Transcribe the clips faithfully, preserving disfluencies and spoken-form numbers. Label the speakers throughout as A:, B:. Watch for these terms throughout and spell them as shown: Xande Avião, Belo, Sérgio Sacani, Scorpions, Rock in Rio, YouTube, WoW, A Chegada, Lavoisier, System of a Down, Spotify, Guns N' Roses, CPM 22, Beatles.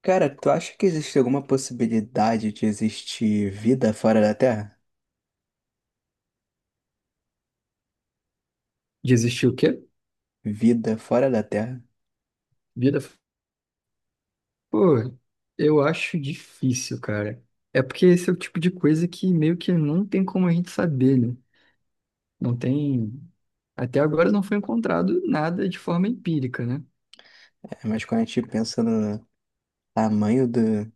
A: Cara, tu acha que existe alguma possibilidade de existir vida fora da Terra?
B: De existir o quê?
A: Vida fora da Terra?
B: Vida. Pô, eu acho difícil, cara. É porque esse é o tipo de coisa que meio que não tem como a gente saber, né? Não tem. Até agora não foi encontrado nada de forma empírica, né?
A: É, mas quando a gente pensa no tamanho do, do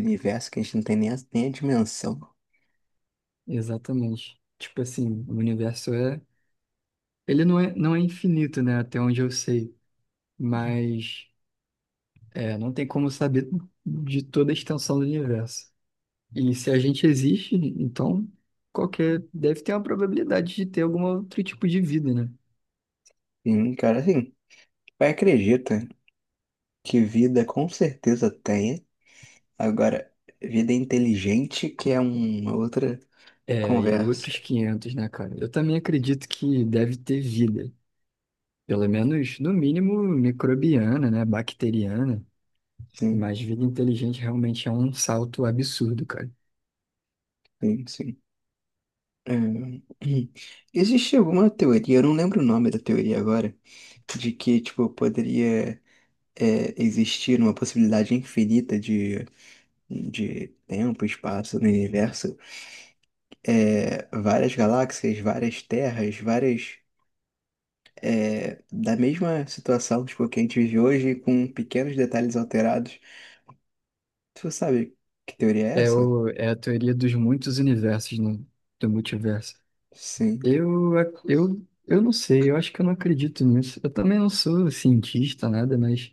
A: universo, que a gente não tem nem a, nem a dimensão.
B: Exatamente. Tipo assim, o universo é. Ele não é, não é infinito, né? Até onde eu sei. Mas é, não tem como saber de toda a extensão do universo. E se a gente existe, então qualquer. Deve ter uma probabilidade de ter algum outro tipo de vida, né?
A: Sim, cara, assim, vai acredita que vida com certeza tem. Agora, vida inteligente que é uma outra
B: É, e é
A: conversa.
B: outros quinhentos, né, cara? Eu também acredito que deve ter vida. Pelo menos, no mínimo, microbiana, né? Bacteriana.
A: Sim,
B: Mas vida inteligente realmente é um salto absurdo, cara.
A: sim, sim. É. Existe alguma teoria, eu não lembro o nome da teoria agora, de que, tipo, poderia. É, existir uma possibilidade infinita de, de tempo, espaço no universo, é, várias galáxias, várias terras, várias. É, da mesma situação tipo, que a gente vive hoje, com pequenos detalhes alterados. Tu sabe que teoria é
B: É,
A: essa?
B: o, é a teoria dos muitos universos, né? Do multiverso.
A: Sim.
B: Eu, ac- eu, eu não sei, eu acho que eu não acredito nisso. Eu também não sou cientista, nada, mas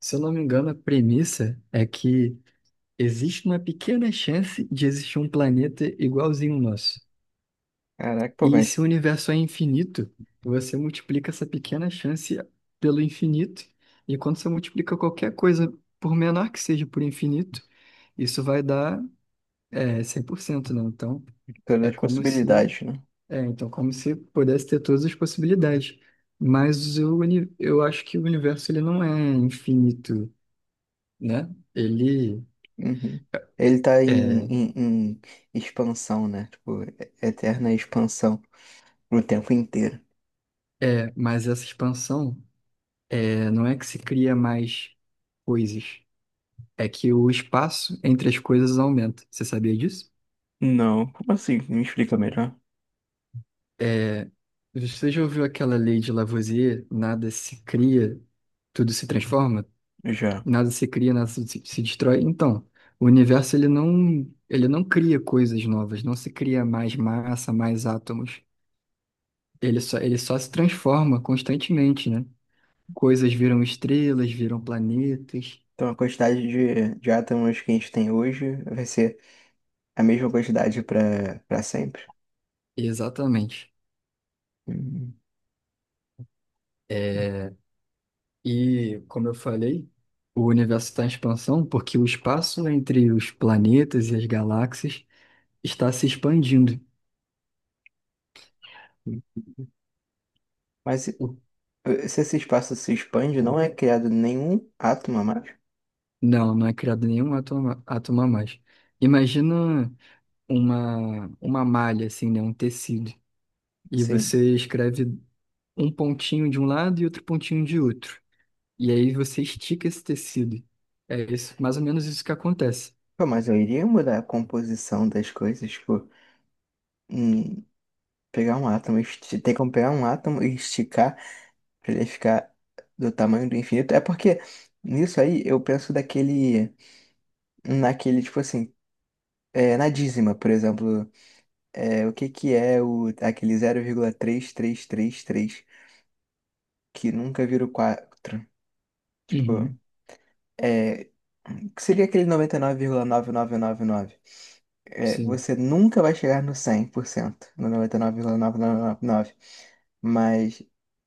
B: se eu não me engano, a premissa é que existe uma pequena chance de existir um planeta igualzinho ao nosso.
A: Caraca, pô,
B: E se
A: mas
B: o universo é infinito, você multiplica essa pequena chance pelo infinito, e quando você multiplica qualquer coisa, por menor que seja, por infinito, isso vai dar é, cem por cento, né? Então,
A: todas
B: é
A: as
B: como se,
A: possibilidades, né?
B: é, então, como se pudesse ter todas as possibilidades. Mas o, uni- eu acho que o universo ele não é infinito, né? Ele
A: Uhum. Ele tá em,
B: é,
A: em, em expansão, né? Tipo, e- eterna expansão o tempo inteiro.
B: é, mas essa expansão é, não é que se cria mais coisas. É que o espaço entre as coisas aumenta. Você sabia disso?
A: Não, como assim? Me explica melhor.
B: É, você já ouviu aquela lei de Lavoisier? Nada se cria, tudo se transforma.
A: Já.
B: Nada se cria, nada se, se destrói. Então, o universo ele não, ele não cria coisas novas, não se cria mais massa, mais átomos. Ele só, ele só se transforma constantemente, né? Coisas viram estrelas, viram planetas.
A: Então, a quantidade de, de átomos que a gente tem hoje vai ser a mesma quantidade para para sempre.
B: Exatamente.
A: Hum,
B: É, E, como eu falei, o universo está em expansão porque o espaço entre os planetas e as galáxias está se expandindo.
A: hum. Mas se
B: O-
A: se esse espaço se expande, não é criado nenhum átomo a mais?
B: Não, não é criado nenhum átomo, a- átomo a mais. Imagina uma, uma malha, assim, né? Um tecido. E
A: Sim.
B: você escreve um pontinho de um lado e outro pontinho de outro. E aí você estica esse tecido. É isso, mais ou menos isso que acontece.
A: Pô, mas eu iria mudar a composição das coisas, tipo, hum, pegar um átomo, esti- tem como pegar um átomo e esticar para ele ficar do tamanho do infinito. É porque nisso aí eu penso daquele, naquele, tipo assim, é, na dízima, por exemplo. É, o que que é o, aquele zero vírgula três três três três que nunca vira o quatro. Tipo,
B: Uhum.
A: é, o que seria aquele noventa e nove vírgula nove nove nove nove? É,
B: Sim.
A: você nunca vai chegar no cem por cento, no noventa e nove vírgula novecentos e noventa e nove, mas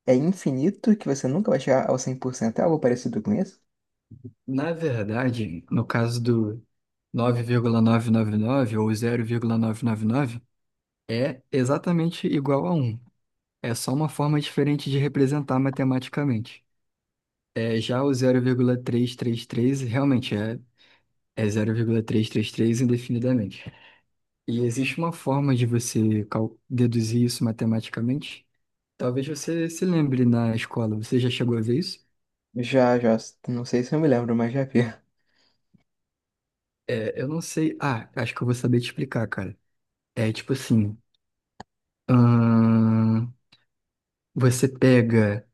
A: é infinito que você nunca vai chegar ao cem por cento. É algo parecido com isso?
B: Na verdade, no caso do, nove vírgula novecentos e noventa e nove ou zero vírgula novecentos e noventa e nove é exatamente igual a um. É só uma forma diferente de representar matematicamente. É, já o zero vírgula trezentos e trinta e três realmente é, é zero vírgula trezentos e trinta e três indefinidamente. E existe uma forma de você cal- deduzir isso matematicamente? Talvez você se lembre na escola. Você já chegou a ver isso?
A: Já, já, não sei se eu me lembro, mas já vi.
B: É, eu não sei. Ah, acho que eu vou saber te explicar, cara. É tipo assim. ahn, você pega,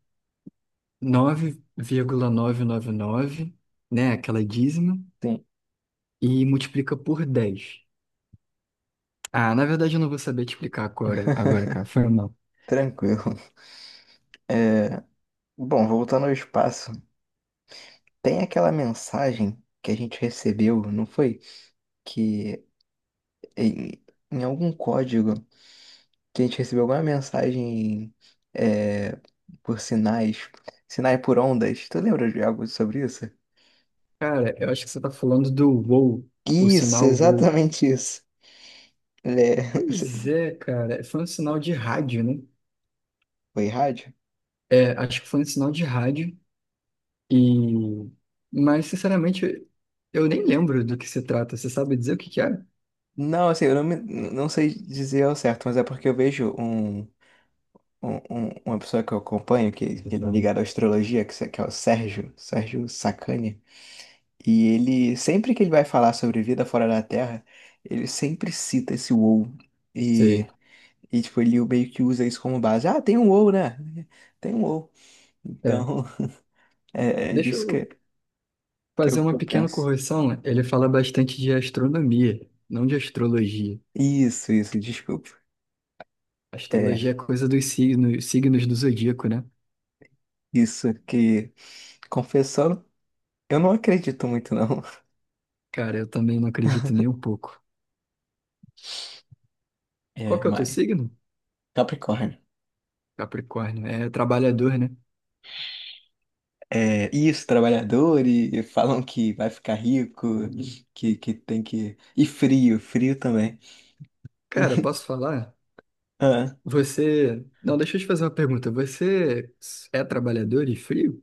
B: nove vírgula novecentos e noventa e nove, né? Aquela dízima,
A: Sim.
B: e multiplica por dez. Ah, na verdade eu não vou saber te explicar agora, agora, cara. Foi mal.
A: Tranquilo. Bom, voltando ao espaço, tem aquela mensagem que a gente recebeu, não foi? Que em, em algum código que a gente recebeu alguma mensagem, é, por sinais, sinais por ondas. Tu lembra de algo sobre isso?
B: Cara, eu acho que você tá falando do WoW, o
A: Isso,
B: sinal WoW.
A: exatamente isso. É,
B: Pois é, cara, foi um sinal de rádio, né?
A: foi rádio?
B: É, acho que foi um sinal de rádio e... Mas, sinceramente, eu nem lembro do que se trata. Você sabe dizer o que que era?
A: Não, assim, eu não, me- não sei dizer ao certo, mas é porque eu vejo um, um- um- uma pessoa que eu acompanho, que, que é ligada à astrologia, que, se- que é o Sérgio, Sérgio Sacani. E ele, sempre que ele vai falar sobre vida fora da Terra, ele sempre cita esse WoW.
B: Sei.
A: E, e tipo, ele meio que usa isso como base. Ah, tem um WoW, né? Tem um WoW.
B: É.
A: Então, é, é
B: Deixa
A: disso
B: eu
A: que, que, eu,
B: fazer
A: que
B: uma
A: eu
B: pequena
A: penso.
B: correção, ele fala bastante de astronomia, não de astrologia.
A: Isso, isso, desculpa. É,
B: Astrologia é coisa dos signos, signos do zodíaco, né?
A: isso que, confessando, eu não acredito muito, não.
B: Cara, eu também não acredito nem um pouco. Qual
A: É,
B: que é o teu
A: mas.
B: signo?
A: Capricórnio.
B: Capricórnio. É trabalhador, né?
A: É, isso, trabalhador, e, e falam que vai ficar rico, que, que tem que. E frio, frio também.
B: Cara, posso falar? Você. Não, deixa eu te fazer uma pergunta. Você é trabalhador e frio?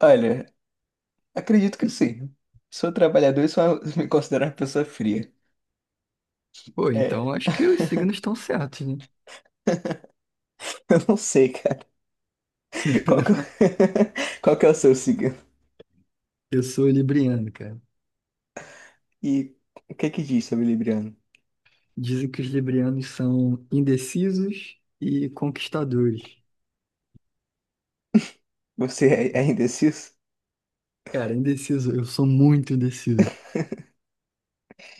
A: Olha, acredito que sim. Sou trabalhador e sou me considero uma pessoa fria.
B: Pô, então
A: É.
B: acho que os signos estão certos, né?
A: Eu não sei, cara. Qual que, é- qual que é o seu signo?
B: Eu sou libriano, cara.
A: E o que é que diz sobre Libriano?
B: Dizem que os librianos são indecisos e conquistadores.
A: Você é, é indeciso?
B: Cara, indeciso, eu sou muito indeciso.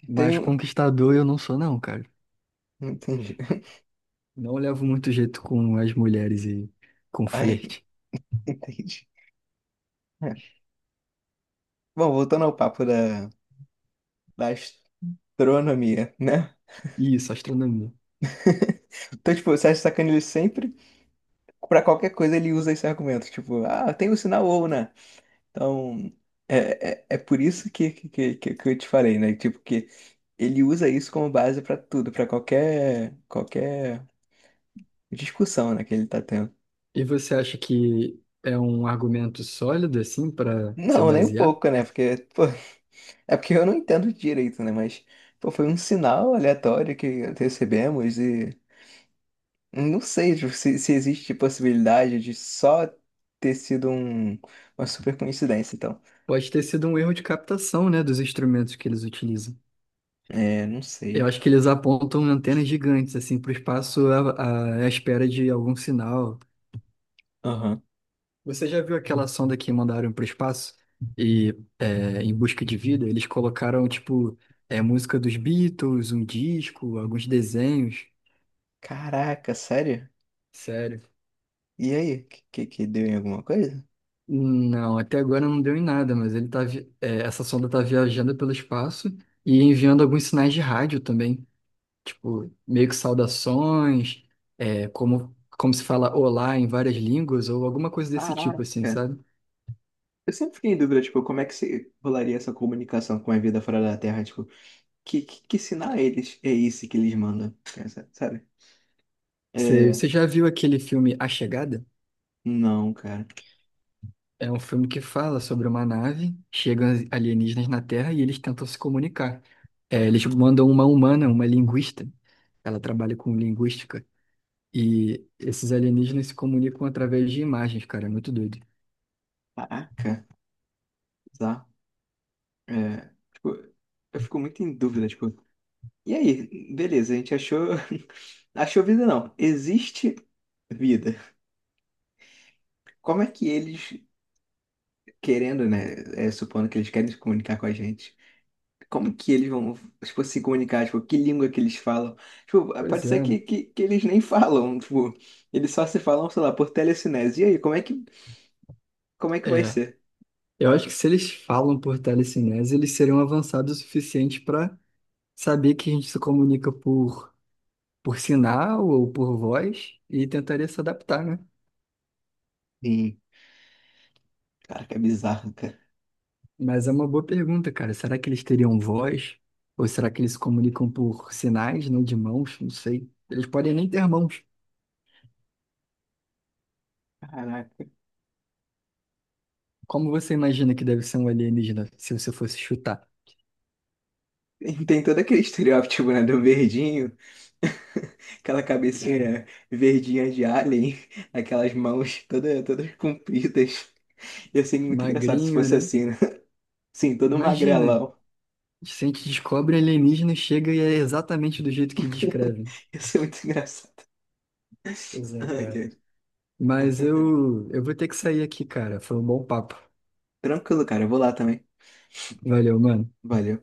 B: Mas
A: Tenho.
B: conquistador eu não sou, não, cara.
A: Não entendi.
B: Não levo muito jeito com as mulheres e com
A: Ai,
B: flerte.
A: entendi. É. Bom, voltando ao papo da, da, astronomia, né?
B: Isso, astronomia.
A: Então, tipo, o Sérgio sacaneia ele sempre. Pra qualquer coisa ele usa esse argumento. Tipo, ah, tem o sinal ou, né? Então, é, é, é por isso que, que, que, que que eu te falei, né? Tipo, que ele usa isso como base pra tudo, pra qualquer, qualquer discussão, né, que ele tá tendo.
B: E você acha que é um argumento sólido, assim, para se
A: Não, nem um
B: basear?
A: pouco, né? Porque, pô, é porque eu não entendo direito, né? Mas, pô, foi um sinal aleatório que recebemos e não sei tipo, se, se existe possibilidade de só ter sido um, uma super coincidência, então.
B: Pode ter sido um erro de captação, né, dos instrumentos que eles utilizam.
A: É, não sei.
B: Eu acho que eles apontam antenas gigantes, assim, para o espaço à, à à espera de algum sinal.
A: Aham.
B: Você já viu aquela sonda que mandaram para o espaço e é, em busca de vida eles colocaram tipo é, música dos Beatles, um disco, alguns desenhos?
A: Caraca, sério?
B: Sério?
A: E aí, que, que que deu em alguma coisa?
B: Não, até agora não deu em nada, mas ele tá vi- é, essa sonda tá viajando pelo espaço e enviando alguns sinais de rádio também, tipo meio que saudações, é, como como se fala olá em várias línguas ou alguma coisa desse
A: Caraca.
B: tipo assim, sabe?
A: Eu sempre fiquei em dúvida, tipo, como é que se rolaria essa comunicação com a vida fora da Terra? Tipo, que, que, que sinal é eles, é esse que eles mandam? Essa- Sabe?
B: Você,
A: É,
B: você já viu aquele filme A Chegada?
A: não, cara.
B: É um filme que fala sobre uma nave, chegam as- alienígenas na Terra e eles tentam se comunicar. É, eles mandam uma humana, uma linguista, ela trabalha com linguística, e esses alienígenas se comunicam através de imagens, cara, é muito doido.
A: Caraca, tá. É, tipo, eu fico muito em dúvida, tipo, e aí? Beleza, a gente achou, achou vida não. Existe vida. Como é que eles, querendo, né, é, supondo que eles querem se comunicar com a gente, como que eles vão, tipo, se comunicar, tipo, que língua que eles falam. Tipo,
B: Pois
A: pode ser
B: é,
A: que, que, que eles nem falam, tipo, eles só se falam, sei lá, por telecinese. E aí, como é que, como é que vai
B: é.
A: ser?
B: Eu acho que se eles falam por telecinese, eles seriam avançados o suficiente para saber que a gente se comunica por, por sinal ou por voz e tentaria se adaptar, né?
A: Sim. Cara, que é bizarro, cara.
B: Mas é uma boa pergunta, cara. Será que eles teriam voz? Ou será que eles se comunicam por sinais, não de mãos? Não sei. Eles podem nem ter mãos.
A: Caraca.
B: Como você imagina que deve ser um alienígena, se você fosse chutar?
A: E Tem todo aquele estereótipo, né, do verdinho, aquela cabecinha verdinha de alien, aquelas mãos toda, todas compridas. Ia ser muito engraçado se
B: Magrinho,
A: fosse
B: né?
A: assim, né? Sim, todo
B: Imagina.
A: magrelão.
B: Se a gente descobre alienígena, chega e é exatamente do jeito que descrevem.
A: Ia ser muito engraçado.
B: Pois é,
A: Ai,
B: cara.
A: ai.
B: Mas eu, eu vou ter que sair aqui, cara. Foi um bom papo.
A: Tranquilo, cara, eu vou lá também.
B: Valeu, mano.
A: Valeu.